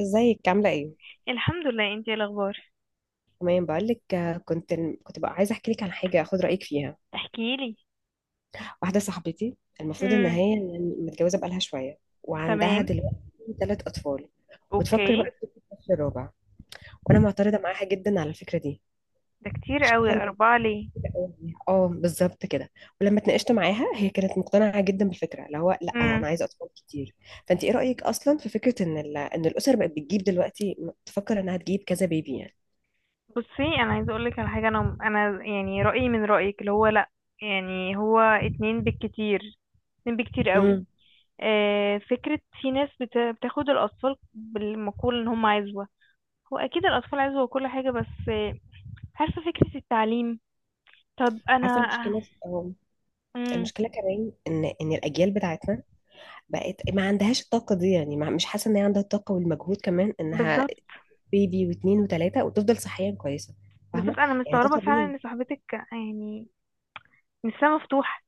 ازيك؟ عاملة ايه؟ الحمد لله، انتي ايه الاخبار؟ تمام. بقولك، كنت بقى عايزة احكي لك عن حاجة، اخد رأيك فيها. احكيلي. واحدة صاحبتي، المفروض ان امم. هي متجوزة بقالها شوية، وعندها تمام. دلوقتي ثلاث اطفال، اوكي. وبتفكر بقى تجيب الطفل الرابع، وانا معترضة معاها جدا على الفكرة دي. ده كتير قوي، شايفة ان اربعة ليه؟ كده أوي عليها. اه، بالظبط كده. ولما اتناقشت معاها، هي كانت مقتنعة جدا بالفكرة، اللي هو لا امم. انا عايزة اطفال كتير. فانت ايه رأيك اصلا في فكرة ان الاسر بقت بتجيب دلوقتي، تفكر انها تجيب كذا بيبي يعني؟ بصي انا عايزه اقولك على حاجه، انا يعني رايي من رايك اللي هو لا. يعني هو اتنين بالكتير. اتنين بالكتير قوي. امم، فكره، في ناس بتاخد الاطفال بالمقول ان هم عزوه. هو اكيد الاطفال عزوه وكل حاجه، بس عارفه فكره التعليم. طب عارفة انا. المشكلة امم. المشكله كمان ان الاجيال بتاعتنا بقت ما عندهاش الطاقه دي. يعني ما، مش حاسه ان هي عندها الطاقه والمجهود، كمان انها بالظبط. بيبي واثنين وثلاثه، وتفضل صحيا كويسه. فاهمه؟ بالظبط، انا يعني ده مستغربه فعلا طبيعي. ان صاحبتك. يعني لسه مفتوح.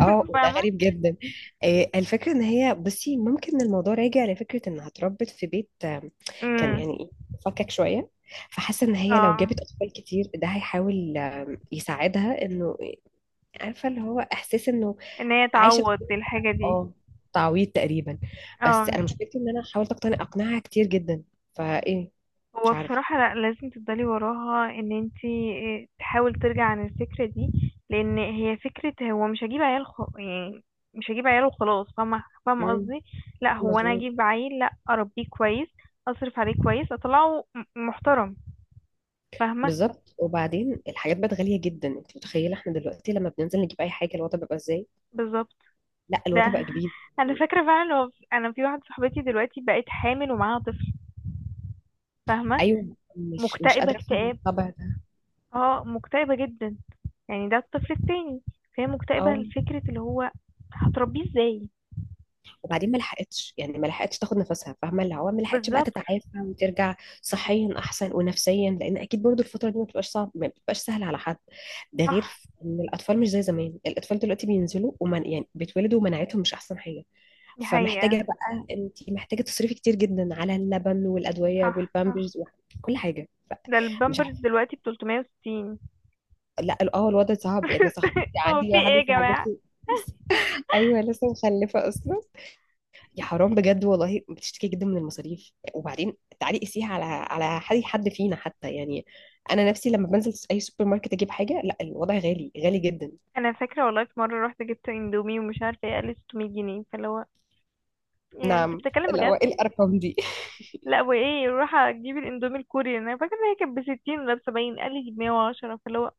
اه، وده فاهمة. غريب جدا. الفكره ان هي، بصي ممكن الموضوع راجع لفكره انها اتربت في بيت، كان امم. يعني ايه، فكك شويه. فحاسه ان هي لو اه. جابت اطفال كتير، ده هيحاول يساعدها انه، عارفه، اللي هو احساس انه ان هي عايشه. تعوض الحاجة دي. اه، تعويض تقريبا. بس اه. انا مشكلتي ان انا حاولت اقتنع اقنعها كتير جدا، فايه. مش هو عارفه. بصراحة لا، لازم تفضلي وراها ان انتي تحاول ترجع عن الفكرة دي. لان هي فكرة، هو مش هجيب عيال يعني. مش هجيب عيال وخلاص، فاهمة، فاهمة مم، قصدي. لا، هو انا مظبوط. هجيب عيل لا اربيه كويس. اصرف عليه كويس، اطلعه محترم. فاهمة. بالظبط، وبعدين الحاجات بقت غاليه جدا. انت متخيله احنا دلوقتي لما بننزل نجيب اي حاجه الوضع بيبقى ازاي؟ بالظبط. لا، الوضع ده بقى جديد. انا فاكرة فعلا، هو انا في واحدة صاحبتي دلوقتي بقت حامل ومعاها طفل. فاهمة. ايوه، مش مكتئبة قادره افهم اكتئاب. الطبع ده. اه، مكتئبة جدا. يعني ده الطفل التاني. فهي مكتئبة اه، لفكرة اللي هو. هتربيه ازاي. وبعدين ما لحقتش، يعني ما لحقتش تاخد نفسها، فاهمه اللي هو ما لحقتش بقى بالظبط. تتعافى وترجع صحيا احسن ونفسيا. لان اكيد برضو الفتره دي ما بتبقاش صعب، ما بتبقاش سهله على حد. ده صح. غير ان الاطفال مش زي زمان، الاطفال دلوقتي بينزلوا ومن يعني بيتولدوا ومناعتهم مش احسن حاجه. دي فمحتاجه حقيقة. بقى، انت محتاجه تصرفي كتير جدا على اللبن والادويه صح، صح. والبامبرز وكل حاجه ف-. ده مش البامبرز عارفه. دلوقتي بتلتمية وستين. لا، اه الوضع صعب يعني. صاحبتي، هو عندي في ايه يا واحده جماعة؟ صاحبتي. ايوه لسه مخلفه اصلا. يا حرام، بجد والله بتشتكي جدا من المصاريف. وبعدين تعالي قسيها على على حد، حد فينا حتى يعني. انا نفسي لما بنزل اي سوبر ماركت اجيب حاجه، لا الوضع غالي غالي جدا. انا فاكرة والله، في مرة رحت جبت اندومي ومش عارفة ايه، قال 600 جنيه، فاللي هو. يعني انت بتتكلم اللي هو بجد؟ ايه الارقام دي! لا، وايه، روح اجيب الاندومي الكوري، انا فاكرة ان هي كانت بستين ولا بسبعين، قال لي بمية وعشرة، فاللي هو.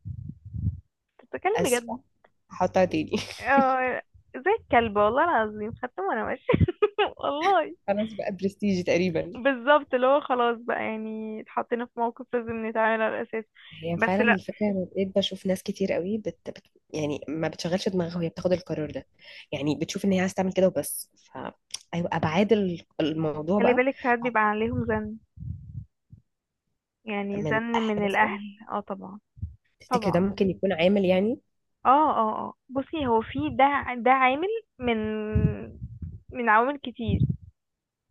أنت بتتكلم بجد؟ اسفه، هحطها تاني. اه، زي الكلب والله العظيم، خدته وانا ماشية والله. خلاص بقى برستيج تقريبا. بالظبط، اللي هو خلاص بقى، يعني اتحطينا في موقف لازم نتعامل على الأساس. هي بس فعلا لا. الفكره، انا بقيت بشوف ناس كتير قوي يعني ما بتشغلش دماغها وهي بتاخد القرار ده. يعني بتشوف ان هي عايزه تعمل كده وبس، ف ايوه ابعاد الموضوع خلي بقى. بالك، ساعات بيبقى عليهم زن. يعني من زن من اهل مثلا، الأهل. اه، طبعا. تفتكر ده طبعا. ممكن يكون عامل يعني؟ اه، اه، اه، بصي هو في ده ده عامل. من من عوامل كتير.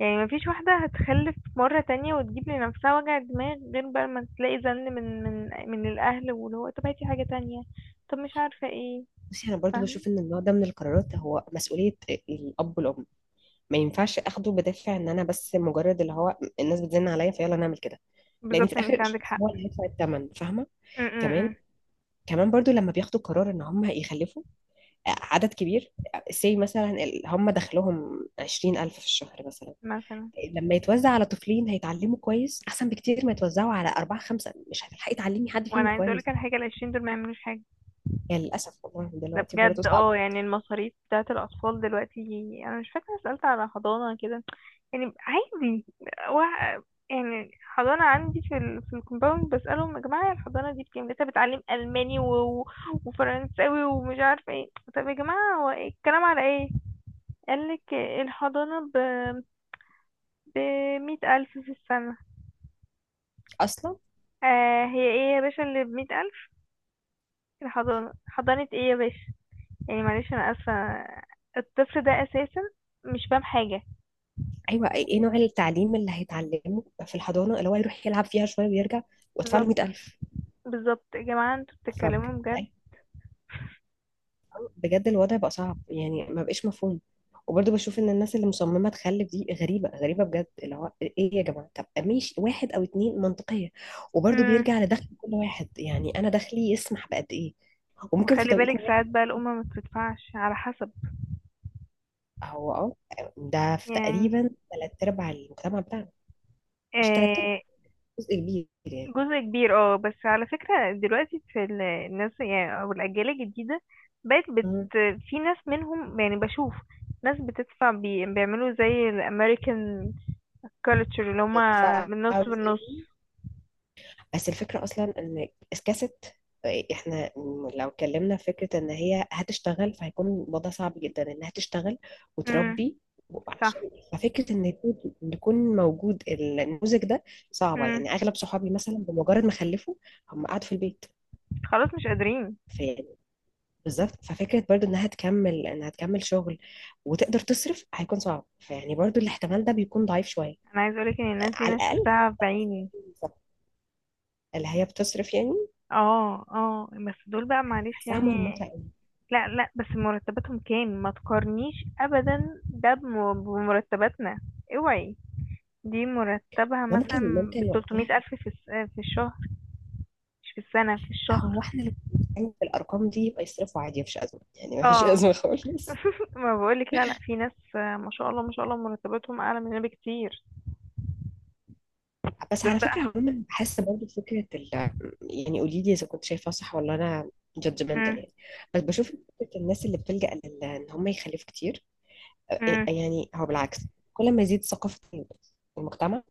يعني مفيش واحدة هتخلف مرة تانية وتجيب لنفسها وجع دماغ، غير بقى ما تلاقي زن من الأهل واللي هو طب هاتي حاجة تانية. طب مش عارفة ايه. بصي انا برضو فاهمة. بشوف ان النوع ده من القرارات هو مسؤوليه الاب والام. ما ينفعش اخده بدافع ان انا بس مجرد اللي هو الناس بتزن عليا فيلا نعمل كده. لان في بالظبط، انت الاخر عندك الشخص حق. هو اللي هيدفع الثمن، فاهمه. م كمان -م -م. كمان برضو لما بياخدوا قرار ان هم يخلفوا عدد كبير. سي مثلا هم دخلهم 20000 في الشهر مثلا، مثلا. لما يتوزع على طفلين هيتعلموا كويس احسن بكتير ما يتوزعوا على اربعه خمسه. مش هتلحقي تعلمي حد وانا فيهم عايزه اقولك كويس. على حاجه، العشرين دول ما يعملوش حاجه. يعني للاسف والله ده دلوقتي برضه بجد، صعب اه، يعني المصاريف بتاعه الاطفال دلوقتي. انا مش فاكره، سالت على حضانه كده. يعني عادي. و... يعني حضانه عندي في الكومباوند، بسالهم يا جماعه الحضانه دي بكام، لسه بتعلم الماني وفرنساوي ومش عارفه ايه. طب يا جماعه، هو إيه الكلام على ايه؟ قالك الحضانه ب 100,000 ألف في السنة. اصلا. آه، هي ايه يا باشا اللي بمية ألف؟ الحضانة حضانة ايه يا باشا؟ يعني معلش، انا اسفة. الطفل ده اساسا مش فاهم حاجة. ايوه، ايه نوع التعليم اللي هيتعلمه في الحضانه، اللي هو يروح يلعب فيها شويه ويرجع وادفع له بالظبط. 100000؟ بالظبط يا جماعة، انتوا بتتكلموا فبجد بجد؟ الوضع بقى صعب يعني، ما بقاش مفهوم. وبرضه بشوف ان الناس اللي مصممه تخلف دي غريبه غريبه بجد. اللي هو ايه يا جماعه، طب ماشي واحد او اتنين منطقيه. وبرضه امم. بيرجع لدخل كل واحد يعني. انا دخلي يسمح بقد ايه، وممكن في وخلي توقيت بالك ساعات معين. بقى، الأمة ما بتدفعش على حسب. هو اه، ده في يعني. تقريبا ثلاث ارباع المجتمع بتاعنا. مش ثلاث ارباع، آه. جزء كبير يعني. جزء كبير، اه، بس على فكرة دلوقتي في الناس، يعني او الأجيال الجديدة بقت مم. في ناس منهم، يعني بشوف ناس بتدفع بيعملوا زي الأمريكان كالتشر، اللي هما بيدفع من نص جزء. بالنص. بس الفكرة أصلا إن اسكاست، إحنا لو اتكلمنا في فكرة إن هي هتشتغل، فهيكون الوضع صعب جدا إنها تشتغل امم. وتربي. وعشان صح. ففكرة إن يكون موجود النموذج ده صعبة. مم. يعني أغلب صحابي مثلا بمجرد ما خلفوا هم قعدوا في البيت. خلاص، مش قادرين. في، بالظبط ففكرة برضو إنها تكمل شغل وتقدر تصرف هيكون صعب. فيعني برضو الاحتمال ده بيكون ضعيف شوية انا عايز اقولك ان الناس دي على انا الأقل. شفتها بعيني. بالظبط. اللي هي بتصرف يعني، اه، اه، بس دول بقى معلش بحسها يعني. مرمطة قوي. لا، لا، بس مرتباتهم كام، ما تقارنيش ابدا ده بمرتباتنا. اوعي. دي مرتبها ممكن مثلا ب، ممكن وقتها الف في الشهر، مش في السنة، في هو الشهر. احنا اللي بنتكلم في الارقام دي يبقى يصرفوا عادي، مفيش ازمه يعني، مفيش اه ازمه خالص. ما بقولك، لا، لا، في ناس ما شاء الله، ما شاء الله، مرتباتهم اعلى مننا بكتير. بس دول على بقى. فكره عموما بحس برضه فكره يعني قولي لي اذا كنت شايفاها صح ولا انا مم. جادجمنتال يعني. بس بشوف فكره الناس اللي بتلجأ ان هم يخلفوا كتير أ- مم. يعني. هو بالعكس، كل ما يزيد ثقافه المجتمع،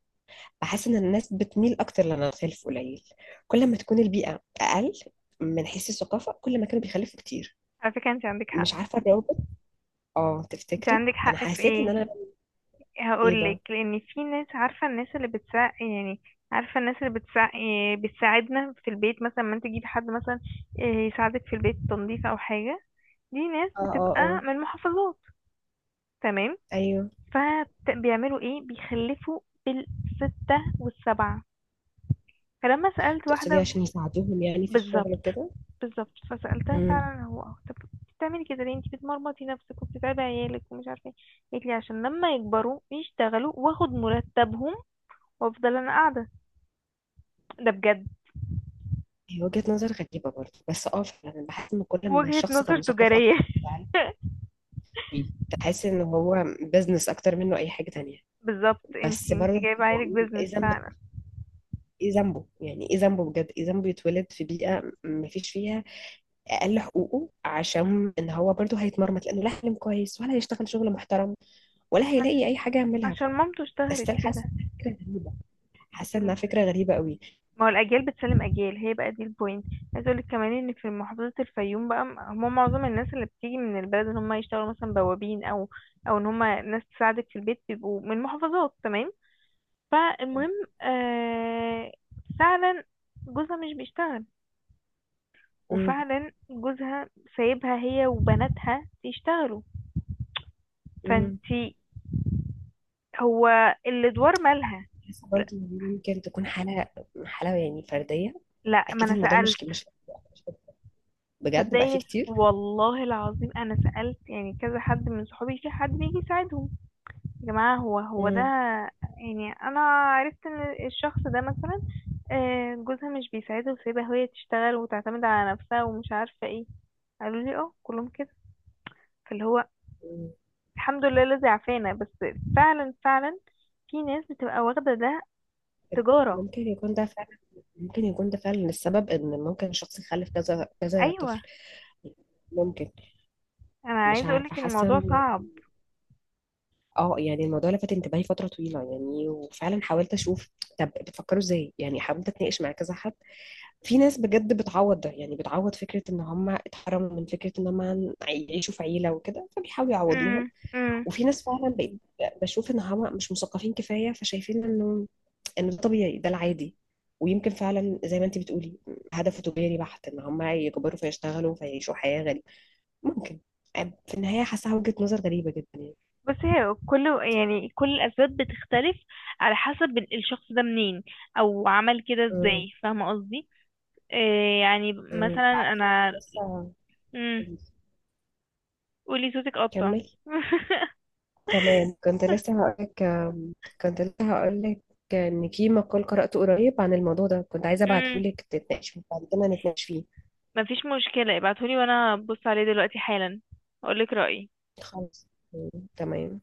بحس ان الناس بتميل اكتر لانها تخلف قليل. كل ما تكون البيئه اقل من حيث الثقافه، كل ما كانوا بيخلفوا كتير. على فكرة انت عندك حق. مش عارفه الروابط. اه، انت تفتكري عندك انا حق في حسيت ايه؟ ان انا، هقولك، ايه؟ لان في ناس، عارفه الناس اللي بتساعد يعني. عارفه الناس اللي بتساعد، بتساعدنا في البيت مثلا. ما انت تجيبي حد مثلا يساعدك في البيت تنظيف او حاجه. دي ناس اه اه بتبقى اه من محافظات. تمام. ايوه، فبيعملوا ايه؟ بيخلفوا بالستة والسبعة. فلما سألت واحدة تقصدي عشان يساعدوهم يعني في الشغل بالظبط. وكده. بالظبط، فسألتها امم. فعلا هو طب بتعملي كده ليه؟ انت بتمرمطي نفسك وبتتعبي عيالك ومش عارفه ايه. قالت لي عشان لما يكبروا يشتغلوا واخد مرتبهم، وافضل انا قاعدة. ده بجد هي وجهة نظر غريبة برضه، بس اه فعلا بحس ان كل ما وجهة الشخص كان نظر مثقف تجارية اكتر فعلا. بيه. بحس ان هو بزنس اكتر منه اي حاجة تانية. بالظبط، انتي بس انتي برضه جايبة عيلك بقول بيزنس ايه ذنب، فعلا. ايه ذنبه يعني، ايه ذنبه بجد، ايه ذنبه يتولد في بيئة ما فيش فيها اقل حقوقه؟ عشان ان هو برضه هيتمرمط، لانه لا حلم كويس ولا هيشتغل شغل محترم ولا عش- هيلاقي اي حاجة يعملها ف. عشان مامته اشتهرت استيل كده. حاسة انها فكرة غريبة، حاسة انتي ما. انها فكرة غريبة قوي. هو الأجيال بتسلم أجيال، هي بقى دي البوينت. عايز اقولك كمان ان في محافظة الفيوم بقى، هم معظم الناس اللي بتيجي من البلد ان هم يشتغلوا مثلا بوابين، او ان هم ناس تساعدك في البيت بيبقوا من محافظات. تمام. فالمهم، آه، فعلا جوزها مش بيشتغل. مم. وفعلا جوزها سايبها هي وبناتها يشتغلوا. مم. فانتي، هو الادوار مالها. بحس لا، برضه إن دي ممكن تكون حالة، حالة يعني فردية. لا، ما أكيد انا الموضوع سألت. مش بجد بقى فيه تصدقي كتير. والله العظيم، انا سألت يعني كذا حد من صحابي، في حد بيجي يساعدهم؟ يا جماعة هو ده. مم. يعني انا عرفت ان الشخص ده مثلا جوزها مش بيساعدها، وسايبها هي تشتغل وتعتمد على نفسها ومش عارفة ايه. قالوا لي اه، كلهم كده. فاللي هو مم. الحمد لله الذي عافانا. بس فعلا، فعلا في ناس بتبقى واخدة ده تجارة. ممكن يكون ده فعلا، ممكن يكون ده فعلا السبب إن ممكن شخص يخلف كذا كذا ايوه، طفل. ممكن. انا مش عايزة عارفة، اقولك ان حاسة الموضوع إن، صعب. اه يعني الموضوع لفت انتباهي فترة طويلة يعني، وفعلا حاولت أشوف طب بتفكروا إزاي. يعني حاولت أتناقش مع كذا حد. في ناس بجد بتعوض ده، يعني بتعوض فكرة ان هم اتحرموا من فكرة ان هم يعيشوا في عيلة وكده، فبيحاولوا يعوضوها. امم. وفي ناس فعلا بقيت بشوف ان هم مش مثقفين كفاية، فشايفين انه، انه ده طبيعي، ده العادي. ويمكن فعلا زي ما انت بتقولي، هدفه تجاري بحت، ان هم يكبروا فيشتغلوا فيعيشوا حياة غريبة. ممكن. في النهاية حاسة وجهة نظر غريبة جدا يعني. بس هي كل الأسباب بتختلف على حسب الشخص ده منين، أو عمل كده امم ازاي، فاهمة قصدي. إيه يعني امم مثلا تعرفي، أنا. لسه، مم. قولي، صوتك قطع. كملي. تمام، كنت لسه هقول لك ان في مقال قرأته قريب عن الموضوع ده، كنت عايزة ابعته مم. لك تتناقش فيه، بعد كده نتناقش فيه. مفيش مشكلة، ابعتهولي وأنا أبص عليه دلوقتي حالا، أقولك رأيي. خلاص. تمام.